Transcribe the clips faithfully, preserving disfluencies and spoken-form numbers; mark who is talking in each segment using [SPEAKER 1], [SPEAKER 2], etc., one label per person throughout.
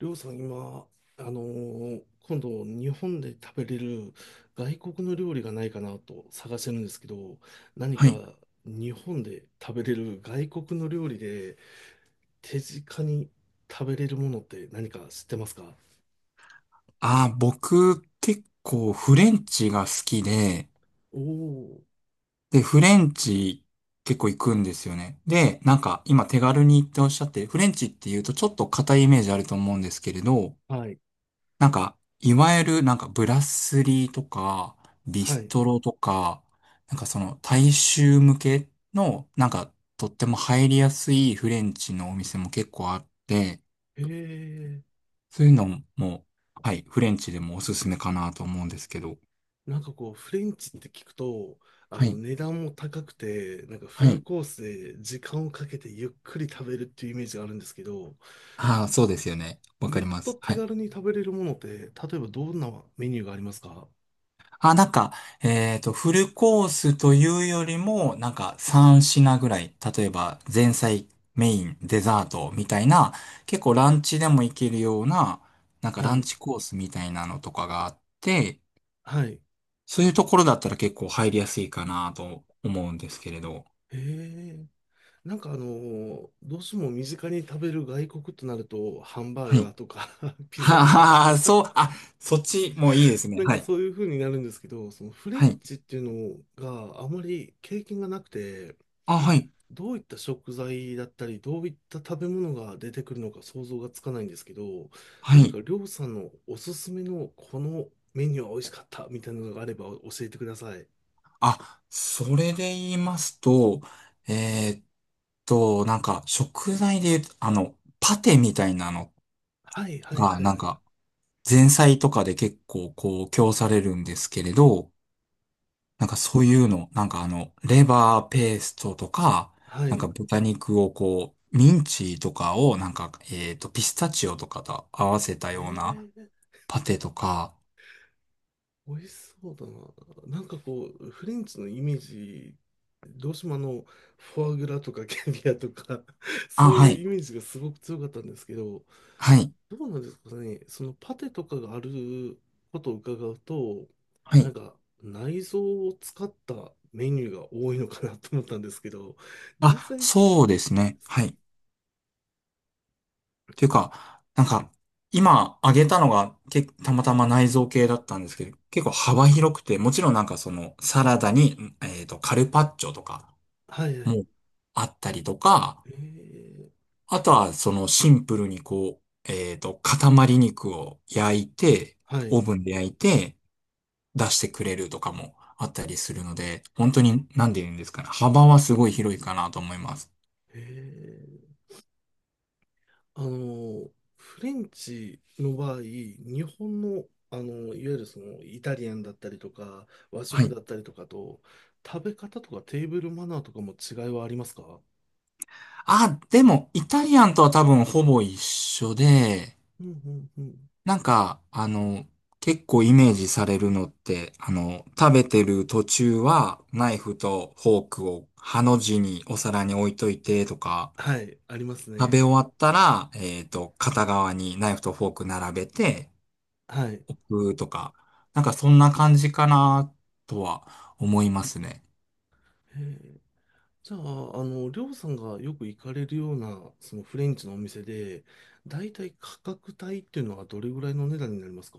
[SPEAKER 1] りょうさん、今、あのー今度、日本で食べれる外国の料理がないかなと探してるんですけど、何
[SPEAKER 2] はい。
[SPEAKER 1] か日本で食べれる外国の料理で手近に食べれるものって何か知ってますか？
[SPEAKER 2] あー、僕、結構フレンチが好きで、
[SPEAKER 1] おお。
[SPEAKER 2] で、フレンチ結構行くんですよね。で、なんか今手軽にっておっしゃって、フレンチって言うとちょっと硬いイメージあると思うんですけれど、
[SPEAKER 1] ー、はい、
[SPEAKER 2] なんか、いわゆるなんかブラスリーとか、ビ
[SPEAKER 1] は
[SPEAKER 2] ス
[SPEAKER 1] い。
[SPEAKER 2] トロとか、なんかその大衆向けの、なんかとっても入りやすいフレンチのお店も結構あって、
[SPEAKER 1] へえ。
[SPEAKER 2] そういうのも、はい、フレンチでもおすすめかなと思うんですけど、
[SPEAKER 1] なんかこう、フレンチって聞くと、あ
[SPEAKER 2] は
[SPEAKER 1] の、
[SPEAKER 2] い。
[SPEAKER 1] 値段も高くて、なんかフ
[SPEAKER 2] は
[SPEAKER 1] ル
[SPEAKER 2] い。
[SPEAKER 1] コースで時間をかけてゆっくり食べるっていうイメージがあるんですけど、
[SPEAKER 2] ああ、そうですよね。わか
[SPEAKER 1] も
[SPEAKER 2] り
[SPEAKER 1] っ
[SPEAKER 2] ま
[SPEAKER 1] と
[SPEAKER 2] す。
[SPEAKER 1] 手
[SPEAKER 2] はい。
[SPEAKER 1] 軽に食べれるものって、例えばどんなメニューがありますか？
[SPEAKER 2] あ、なんか、えっと、フルコースというよりも、なんかさんぴん品ぐらい、例えば前菜、メイン、デザートみたいな、結構ランチでもいけるような、なんか
[SPEAKER 1] は
[SPEAKER 2] ラン
[SPEAKER 1] い。
[SPEAKER 2] チコースみたいなのとかがあって、
[SPEAKER 1] はい。
[SPEAKER 2] そういうところだったら結構入りやすいかなと思うんですけれど。
[SPEAKER 1] へえ。なんかあのーどうしても身近に食べる外国となると、ハンバー
[SPEAKER 2] はい。
[SPEAKER 1] ガ ーとか ピザ
[SPEAKER 2] は
[SPEAKER 1] とか、
[SPEAKER 2] ははそう、あ、そっちもいいですね。
[SPEAKER 1] なん
[SPEAKER 2] は
[SPEAKER 1] か
[SPEAKER 2] い。
[SPEAKER 1] そういう風になるんですけど、そのフレ
[SPEAKER 2] は
[SPEAKER 1] ン
[SPEAKER 2] い。
[SPEAKER 1] チっていうのがあまり経験がなくて、
[SPEAKER 2] あ、はい。
[SPEAKER 1] どういった食材だったり、どういった食べ物が出てくるのか想像がつかないんですけど、
[SPEAKER 2] は
[SPEAKER 1] 何か
[SPEAKER 2] い。
[SPEAKER 1] りょうさんのおすすめのこのメニューは美味しかったみたいなのがあれば教えてください。
[SPEAKER 2] あ、それで言いますと、えーっと、なんか、食材で言うと、あの、パテみたいなの
[SPEAKER 1] はいはい
[SPEAKER 2] が、
[SPEAKER 1] は
[SPEAKER 2] な
[SPEAKER 1] い。
[SPEAKER 2] んか、前菜とかで結構、こう、供されるんですけれど、なんかそういうの、なんかあの、レバーペーストとか、
[SPEAKER 1] は
[SPEAKER 2] なん
[SPEAKER 1] い。
[SPEAKER 2] か豚肉をこう、ミンチとかを、なんか、えーっと、ピスタチオとかと合わせた
[SPEAKER 1] え
[SPEAKER 2] ような
[SPEAKER 1] ー、
[SPEAKER 2] パテとか、
[SPEAKER 1] 美味しそうだな。なんかこう、フレンチのイメージ、どうしてもあの、フォアグラとかキャビアとか
[SPEAKER 2] あ、
[SPEAKER 1] そう
[SPEAKER 2] は
[SPEAKER 1] いう
[SPEAKER 2] い、
[SPEAKER 1] イメージがすごく強かったんですけど、
[SPEAKER 2] はい、
[SPEAKER 1] どうなんですかね、そのパテとかがあることを伺うと、
[SPEAKER 2] は
[SPEAKER 1] なん
[SPEAKER 2] い。
[SPEAKER 1] か内臓を使ったメニューが多いのかなと思ったんですけど、実
[SPEAKER 2] あ、
[SPEAKER 1] 際そう
[SPEAKER 2] そうですね。
[SPEAKER 1] ですか
[SPEAKER 2] は
[SPEAKER 1] ね。
[SPEAKER 2] い。ていうか、なんか、今挙げたのが、け、たまたま内臓系だったんですけど、結構幅広くて、もちろんなんかその、サラダに、えっと、カルパッチョとか
[SPEAKER 1] はいはい。
[SPEAKER 2] もあったりとか、
[SPEAKER 1] えー、
[SPEAKER 2] あとはそのシンプルにこう、えっと、塊肉を焼いて、
[SPEAKER 1] はい。
[SPEAKER 2] オーブンで焼いて、出してくれるとかもあったりするので、本当に、なんて言うんですかね、幅はすごい広いかなと思います。
[SPEAKER 1] えーあの、フレンチの場合、日本の、あの、いわゆるそのイタリアンだったりとか、和
[SPEAKER 2] は
[SPEAKER 1] 食
[SPEAKER 2] い。
[SPEAKER 1] だったりとかと、食べ方とかテーブルマナーとかも違いはありますか？
[SPEAKER 2] あ、でも、イタリアンとは多分ほぼ一緒で、
[SPEAKER 1] うんうんうん。
[SPEAKER 2] なんか、あの、結構イメージされるのって、あの、食べてる途中は、ナイフとフォークをハの字にお皿に置いといてとか、
[SPEAKER 1] はい、あります
[SPEAKER 2] 食べ
[SPEAKER 1] ね。
[SPEAKER 2] 終わったら、えっと、片側にナイフとフォーク並べて、
[SPEAKER 1] はい。へ
[SPEAKER 2] うーとか、なんかそんな感じかな、とは思いますね。
[SPEAKER 1] え。じゃあ、あの、りょうさんがよく行かれるような、そのフレンチのお店で、だいたい価格帯っていうのはどれぐらいの値段になりますか？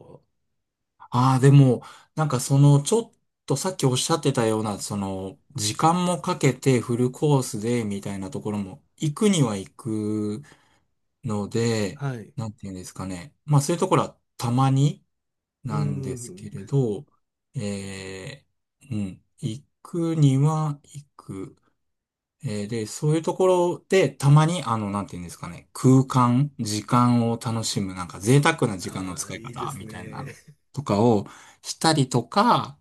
[SPEAKER 2] ああ、でも、なんかその、ちょっとさっきおっしゃってたような、その、時間もかけてフルコースで、みたいなところも、行くには行く、ので、
[SPEAKER 1] はい。
[SPEAKER 2] なんていうんですかね。まあそういうところはたまに
[SPEAKER 1] う
[SPEAKER 2] な
[SPEAKER 1] ん
[SPEAKER 2] んで
[SPEAKER 1] う
[SPEAKER 2] すけ
[SPEAKER 1] ん。
[SPEAKER 2] れど、えー、うん、行くには行く。えーで、そういうところでたまにあの、なんていうんですかね、空間、時間を楽しむ、なんか贅沢な時間の
[SPEAKER 1] あ
[SPEAKER 2] 使
[SPEAKER 1] あ、
[SPEAKER 2] い
[SPEAKER 1] いいで
[SPEAKER 2] 方
[SPEAKER 1] す
[SPEAKER 2] みたいな
[SPEAKER 1] ね。
[SPEAKER 2] のとかをしたりとか、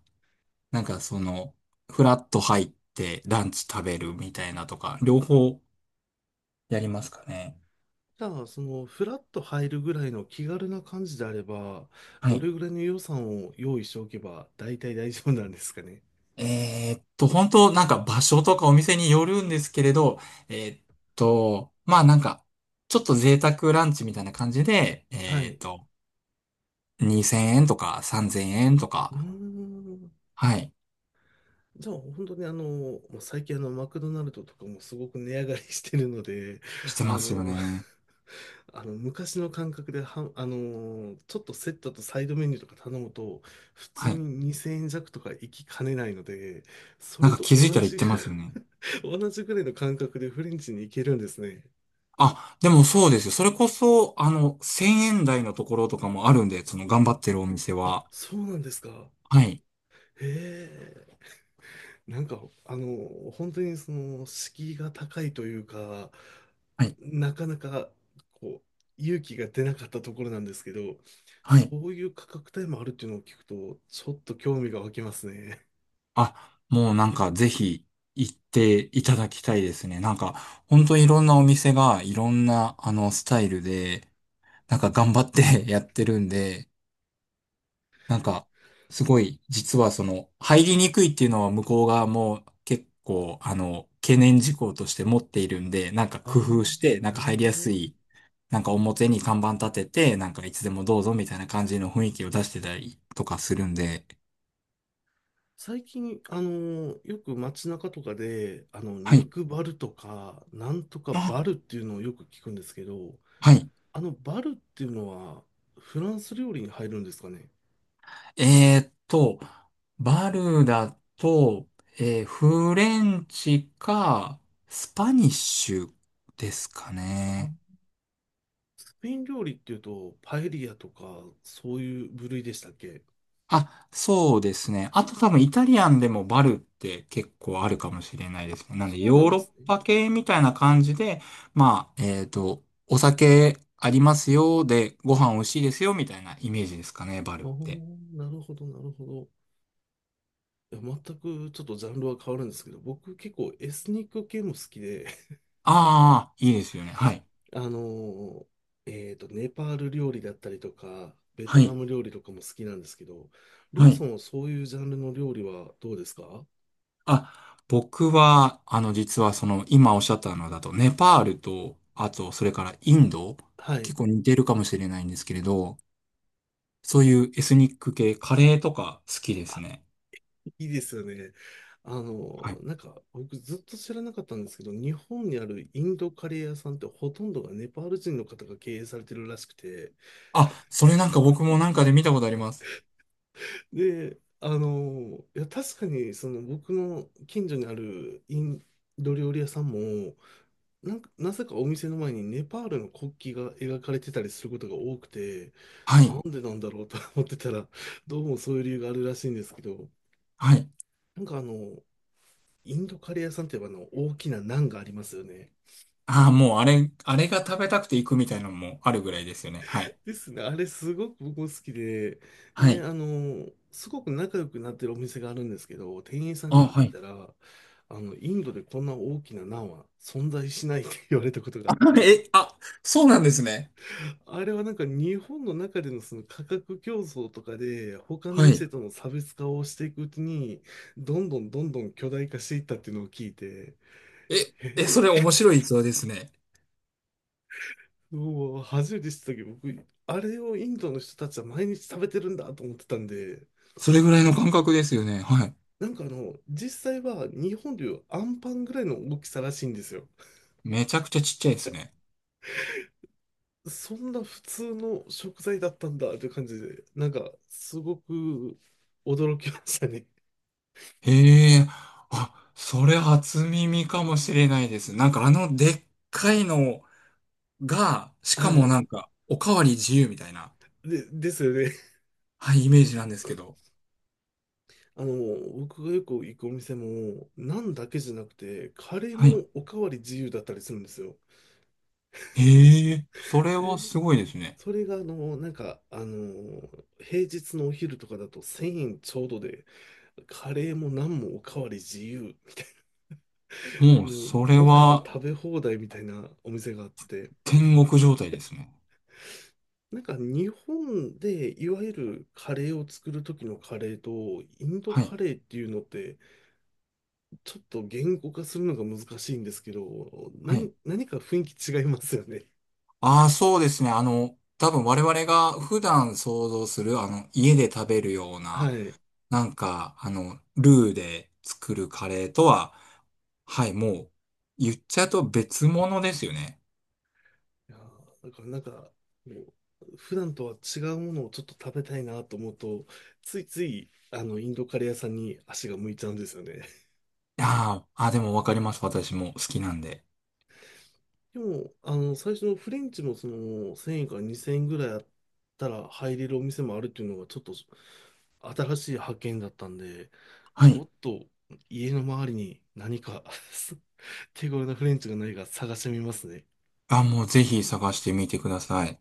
[SPEAKER 2] なんかその、フラッと入ってランチ食べるみたいなとか、両方やりますかね。
[SPEAKER 1] じゃあ、その、フラッと入るぐらいの気軽な感じであれば、
[SPEAKER 2] は
[SPEAKER 1] ど
[SPEAKER 2] い。
[SPEAKER 1] れぐらいの予算を用意しておけば、大体大丈夫なんですかね。
[SPEAKER 2] えーっと、本当なんか場所とかお店によるんですけれど、えーっと、まあなんか、ちょっと贅沢ランチみたいな感じで、
[SPEAKER 1] は
[SPEAKER 2] えーっ
[SPEAKER 1] い。
[SPEAKER 2] と、にせんえんとかさんぜんえんと
[SPEAKER 1] うー
[SPEAKER 2] か、
[SPEAKER 1] ん。
[SPEAKER 2] はい、
[SPEAKER 1] じゃあ、本当にあの、もう最近あの、マクドナルドとかもすごく値上がりしてるので、
[SPEAKER 2] して
[SPEAKER 1] あ
[SPEAKER 2] ますよ
[SPEAKER 1] の、
[SPEAKER 2] ね。
[SPEAKER 1] あの昔の感覚では、あのーちょっとセットとサイドメニューとか頼むと、普通
[SPEAKER 2] はい。
[SPEAKER 1] ににせんえん弱とか行きかねないので、そ
[SPEAKER 2] なん
[SPEAKER 1] れ
[SPEAKER 2] か
[SPEAKER 1] と
[SPEAKER 2] 気づいた
[SPEAKER 1] 同
[SPEAKER 2] ら言っ
[SPEAKER 1] じぐ、
[SPEAKER 2] てますよね。
[SPEAKER 1] 同じぐらいの感覚でフレンチに行けるんですね。
[SPEAKER 2] あ、でもそうですよ。それこそ、あの、せんえん台のところとかもあるんで、その頑張ってるお店
[SPEAKER 1] あ、
[SPEAKER 2] は。
[SPEAKER 1] そうなんですか。
[SPEAKER 2] はい。
[SPEAKER 1] へえ。なんか、あの、本当にその、敷居が高いというか、
[SPEAKER 2] はい。
[SPEAKER 1] なかなか、こう、勇気が出なかったところなんですけど、
[SPEAKER 2] は
[SPEAKER 1] そ
[SPEAKER 2] い。
[SPEAKER 1] ういう価格帯もあるっていうのを聞くと、ちょっと興味が湧きますね。
[SPEAKER 2] あ、もうなんかぜひ行っていただきたいですね。なんか本当いろんなお店がいろんなあのスタイルで、なんか頑張って やってるんで、なんかすごい実はその入りにくいっていうのは向こう側も結構あの懸念事項として持っているんで、なんか工
[SPEAKER 1] あ
[SPEAKER 2] 夫
[SPEAKER 1] あ、
[SPEAKER 2] してなん
[SPEAKER 1] な
[SPEAKER 2] か
[SPEAKER 1] る
[SPEAKER 2] 入り
[SPEAKER 1] ほ
[SPEAKER 2] やす
[SPEAKER 1] ど。
[SPEAKER 2] い、なんか表に看板立てて、なんかいつでもどうぞみたいな感じの雰囲気を出してたりとかするんで、
[SPEAKER 1] 最近、あの、よく街中とかで、あの、
[SPEAKER 2] はい。
[SPEAKER 1] 肉バルとか、なんとか
[SPEAKER 2] あ、
[SPEAKER 1] バルっていうのをよく聞くんですけど、
[SPEAKER 2] はい。
[SPEAKER 1] あの、バルっていうのは、フランス料理に入るんですかね？
[SPEAKER 2] えーっと、バルだと、えーフレンチか、スパニッシュですかね。
[SPEAKER 1] あ、スペイン料理っていうと、パエリアとか、そういう部類でしたっけ？
[SPEAKER 2] あ、そうですね。あと多分イタリアンでもバルって結構あるかもしれないですね。なん
[SPEAKER 1] そ
[SPEAKER 2] で
[SPEAKER 1] うな
[SPEAKER 2] ヨ
[SPEAKER 1] ん
[SPEAKER 2] ー
[SPEAKER 1] で
[SPEAKER 2] ロッ
[SPEAKER 1] すね。
[SPEAKER 2] パ系みたいな感じで、まあ、えーっと、お酒ありますよ、で、ご飯美味しいですよ、みたいなイメージですかね、バルっ
[SPEAKER 1] お
[SPEAKER 2] て。
[SPEAKER 1] ー、なるほど、なるほど。いや、全くちょっとジャンルは変わるんですけど、僕結構エスニック系も好きで、
[SPEAKER 2] ああ、いいですよね。はい。
[SPEAKER 1] あのーえっと、ネパール料理だったりとか、ベト
[SPEAKER 2] は
[SPEAKER 1] ナ
[SPEAKER 2] い。
[SPEAKER 1] ム料理とかも好きなんですけど、りょ
[SPEAKER 2] は
[SPEAKER 1] うさ
[SPEAKER 2] い。
[SPEAKER 1] んはそういうジャンルの料理はどうですか？
[SPEAKER 2] あ、僕は、あの、実はその、今おっしゃったのだと、ネパールと、あと、それからインド、
[SPEAKER 1] はい。
[SPEAKER 2] 結構似てるかもしれないんですけれど、そういうエスニック系、カレーとか好きですね。
[SPEAKER 1] いいですよね。あ
[SPEAKER 2] は
[SPEAKER 1] の、
[SPEAKER 2] い。
[SPEAKER 1] なんか、僕ずっと知らなかったんですけど、日本にあるインドカレー屋さんってほとんどがネパール人の方が経営されてるらしくて、
[SPEAKER 2] あ、それなんか僕もなんかで見たことあります。
[SPEAKER 1] で、あの、いや、確かに、その僕の近所にあるインド料理屋さんも、なんか、なぜかお店の前にネパールの国旗が描かれてたりすることが多くて、
[SPEAKER 2] は
[SPEAKER 1] な
[SPEAKER 2] い。
[SPEAKER 1] んでなんだろうと思ってたら、どうもそういう理由があるらしいんですけど、
[SPEAKER 2] はい。
[SPEAKER 1] なんかあの、インドカレー屋さんって言えばあの大きなナンがありますよね。
[SPEAKER 2] ああ、もうあれ、あれが食べたくて行くみたいなのもあるぐらいですよね。はい。
[SPEAKER 1] ですね。あれすごく僕も好きで、
[SPEAKER 2] は
[SPEAKER 1] で、
[SPEAKER 2] い。
[SPEAKER 1] あの、すごく仲良くなってるお店があるんですけど、店員さん
[SPEAKER 2] あ、
[SPEAKER 1] に聞
[SPEAKER 2] は
[SPEAKER 1] い
[SPEAKER 2] い。
[SPEAKER 1] たら、あの、インドでこんな大きなナンは存在しないって言われたことがあっ て、
[SPEAKER 2] え、あ、そうなんですね。
[SPEAKER 1] あれはなんか日本の中でのその価格競争とかで、他の
[SPEAKER 2] はい。
[SPEAKER 1] 店との差別化をしていくうちに、どんどんどんどん巨大化していったっていうのを聞いて、
[SPEAKER 2] え、え、そ
[SPEAKER 1] へ
[SPEAKER 2] れ
[SPEAKER 1] え。
[SPEAKER 2] 面 白い逸話ですね。
[SPEAKER 1] もう初めて知ったけど、僕、あれをインドの人たちは毎日食べてるんだと思ってたんで、
[SPEAKER 2] それぐらいの感覚ですよね。はい。
[SPEAKER 1] なんかあの、実際は日本でいうアンパンぐらいの大きさらしいんですよ。
[SPEAKER 2] めちゃくちゃちっちゃいですね。
[SPEAKER 1] そんな普通の食材だったんだという感じで、なんかすごく驚きましたね。
[SPEAKER 2] へえ、あ、それ初耳かもしれないです。なんかあのでっかいのが、し
[SPEAKER 1] は
[SPEAKER 2] かも
[SPEAKER 1] い。
[SPEAKER 2] なんか、おかわり自由みたいな、
[SPEAKER 1] で、ですよね。
[SPEAKER 2] はい、イメージなんですけど。
[SPEAKER 1] あの、僕がよく行くお店も、ナンだけじゃなくて、カレー
[SPEAKER 2] はい。
[SPEAKER 1] もおかわり自由だったりするんですよ。
[SPEAKER 2] へえ、それ
[SPEAKER 1] で、
[SPEAKER 2] はすごいですね。
[SPEAKER 1] それがあの、なんか、あの、平日のお昼とかだとせんえんちょうどで、カレーもナンもおかわり自由、
[SPEAKER 2] もう、
[SPEAKER 1] も
[SPEAKER 2] そ
[SPEAKER 1] う、
[SPEAKER 2] れ
[SPEAKER 1] もはや
[SPEAKER 2] は、
[SPEAKER 1] 食べ放題みたいなお店があって、
[SPEAKER 2] 天国状態ですね。
[SPEAKER 1] なんか日本でいわゆるカレーを作る時のカレーと、インド
[SPEAKER 2] は
[SPEAKER 1] カ
[SPEAKER 2] い。
[SPEAKER 1] レーっていうのって、ちょっと言語化するのが難しいんですけど、
[SPEAKER 2] はい。
[SPEAKER 1] 何、何か雰囲気違いますよね。
[SPEAKER 2] ああ、そうですね。あの、多分我々が普段想像する、あの、家で食べるよう
[SPEAKER 1] は
[SPEAKER 2] な、
[SPEAKER 1] い。い
[SPEAKER 2] なんか、あの、ルーで作るカレーとは、はい、もう、言っちゃうと別物ですよね。
[SPEAKER 1] やー、だからなんか、もう普段とは違うものをちょっと食べたいなと思うと、ついつい、あの、インドカレー屋さんに足が向いちゃうんですよね。
[SPEAKER 2] あーあ、でもわかります。私も好きなんで。
[SPEAKER 1] でも、あの、最初のフレンチもその、せんえんからにせんえんぐらいあったら入れるお店もあるっていうのが、ちょっと新しい発見だったんで、
[SPEAKER 2] は
[SPEAKER 1] ちょ
[SPEAKER 2] い。
[SPEAKER 1] っと家の周りに何か 手頃なフレンチがないか探してみますね。
[SPEAKER 2] あ、もうぜひ探してみてください。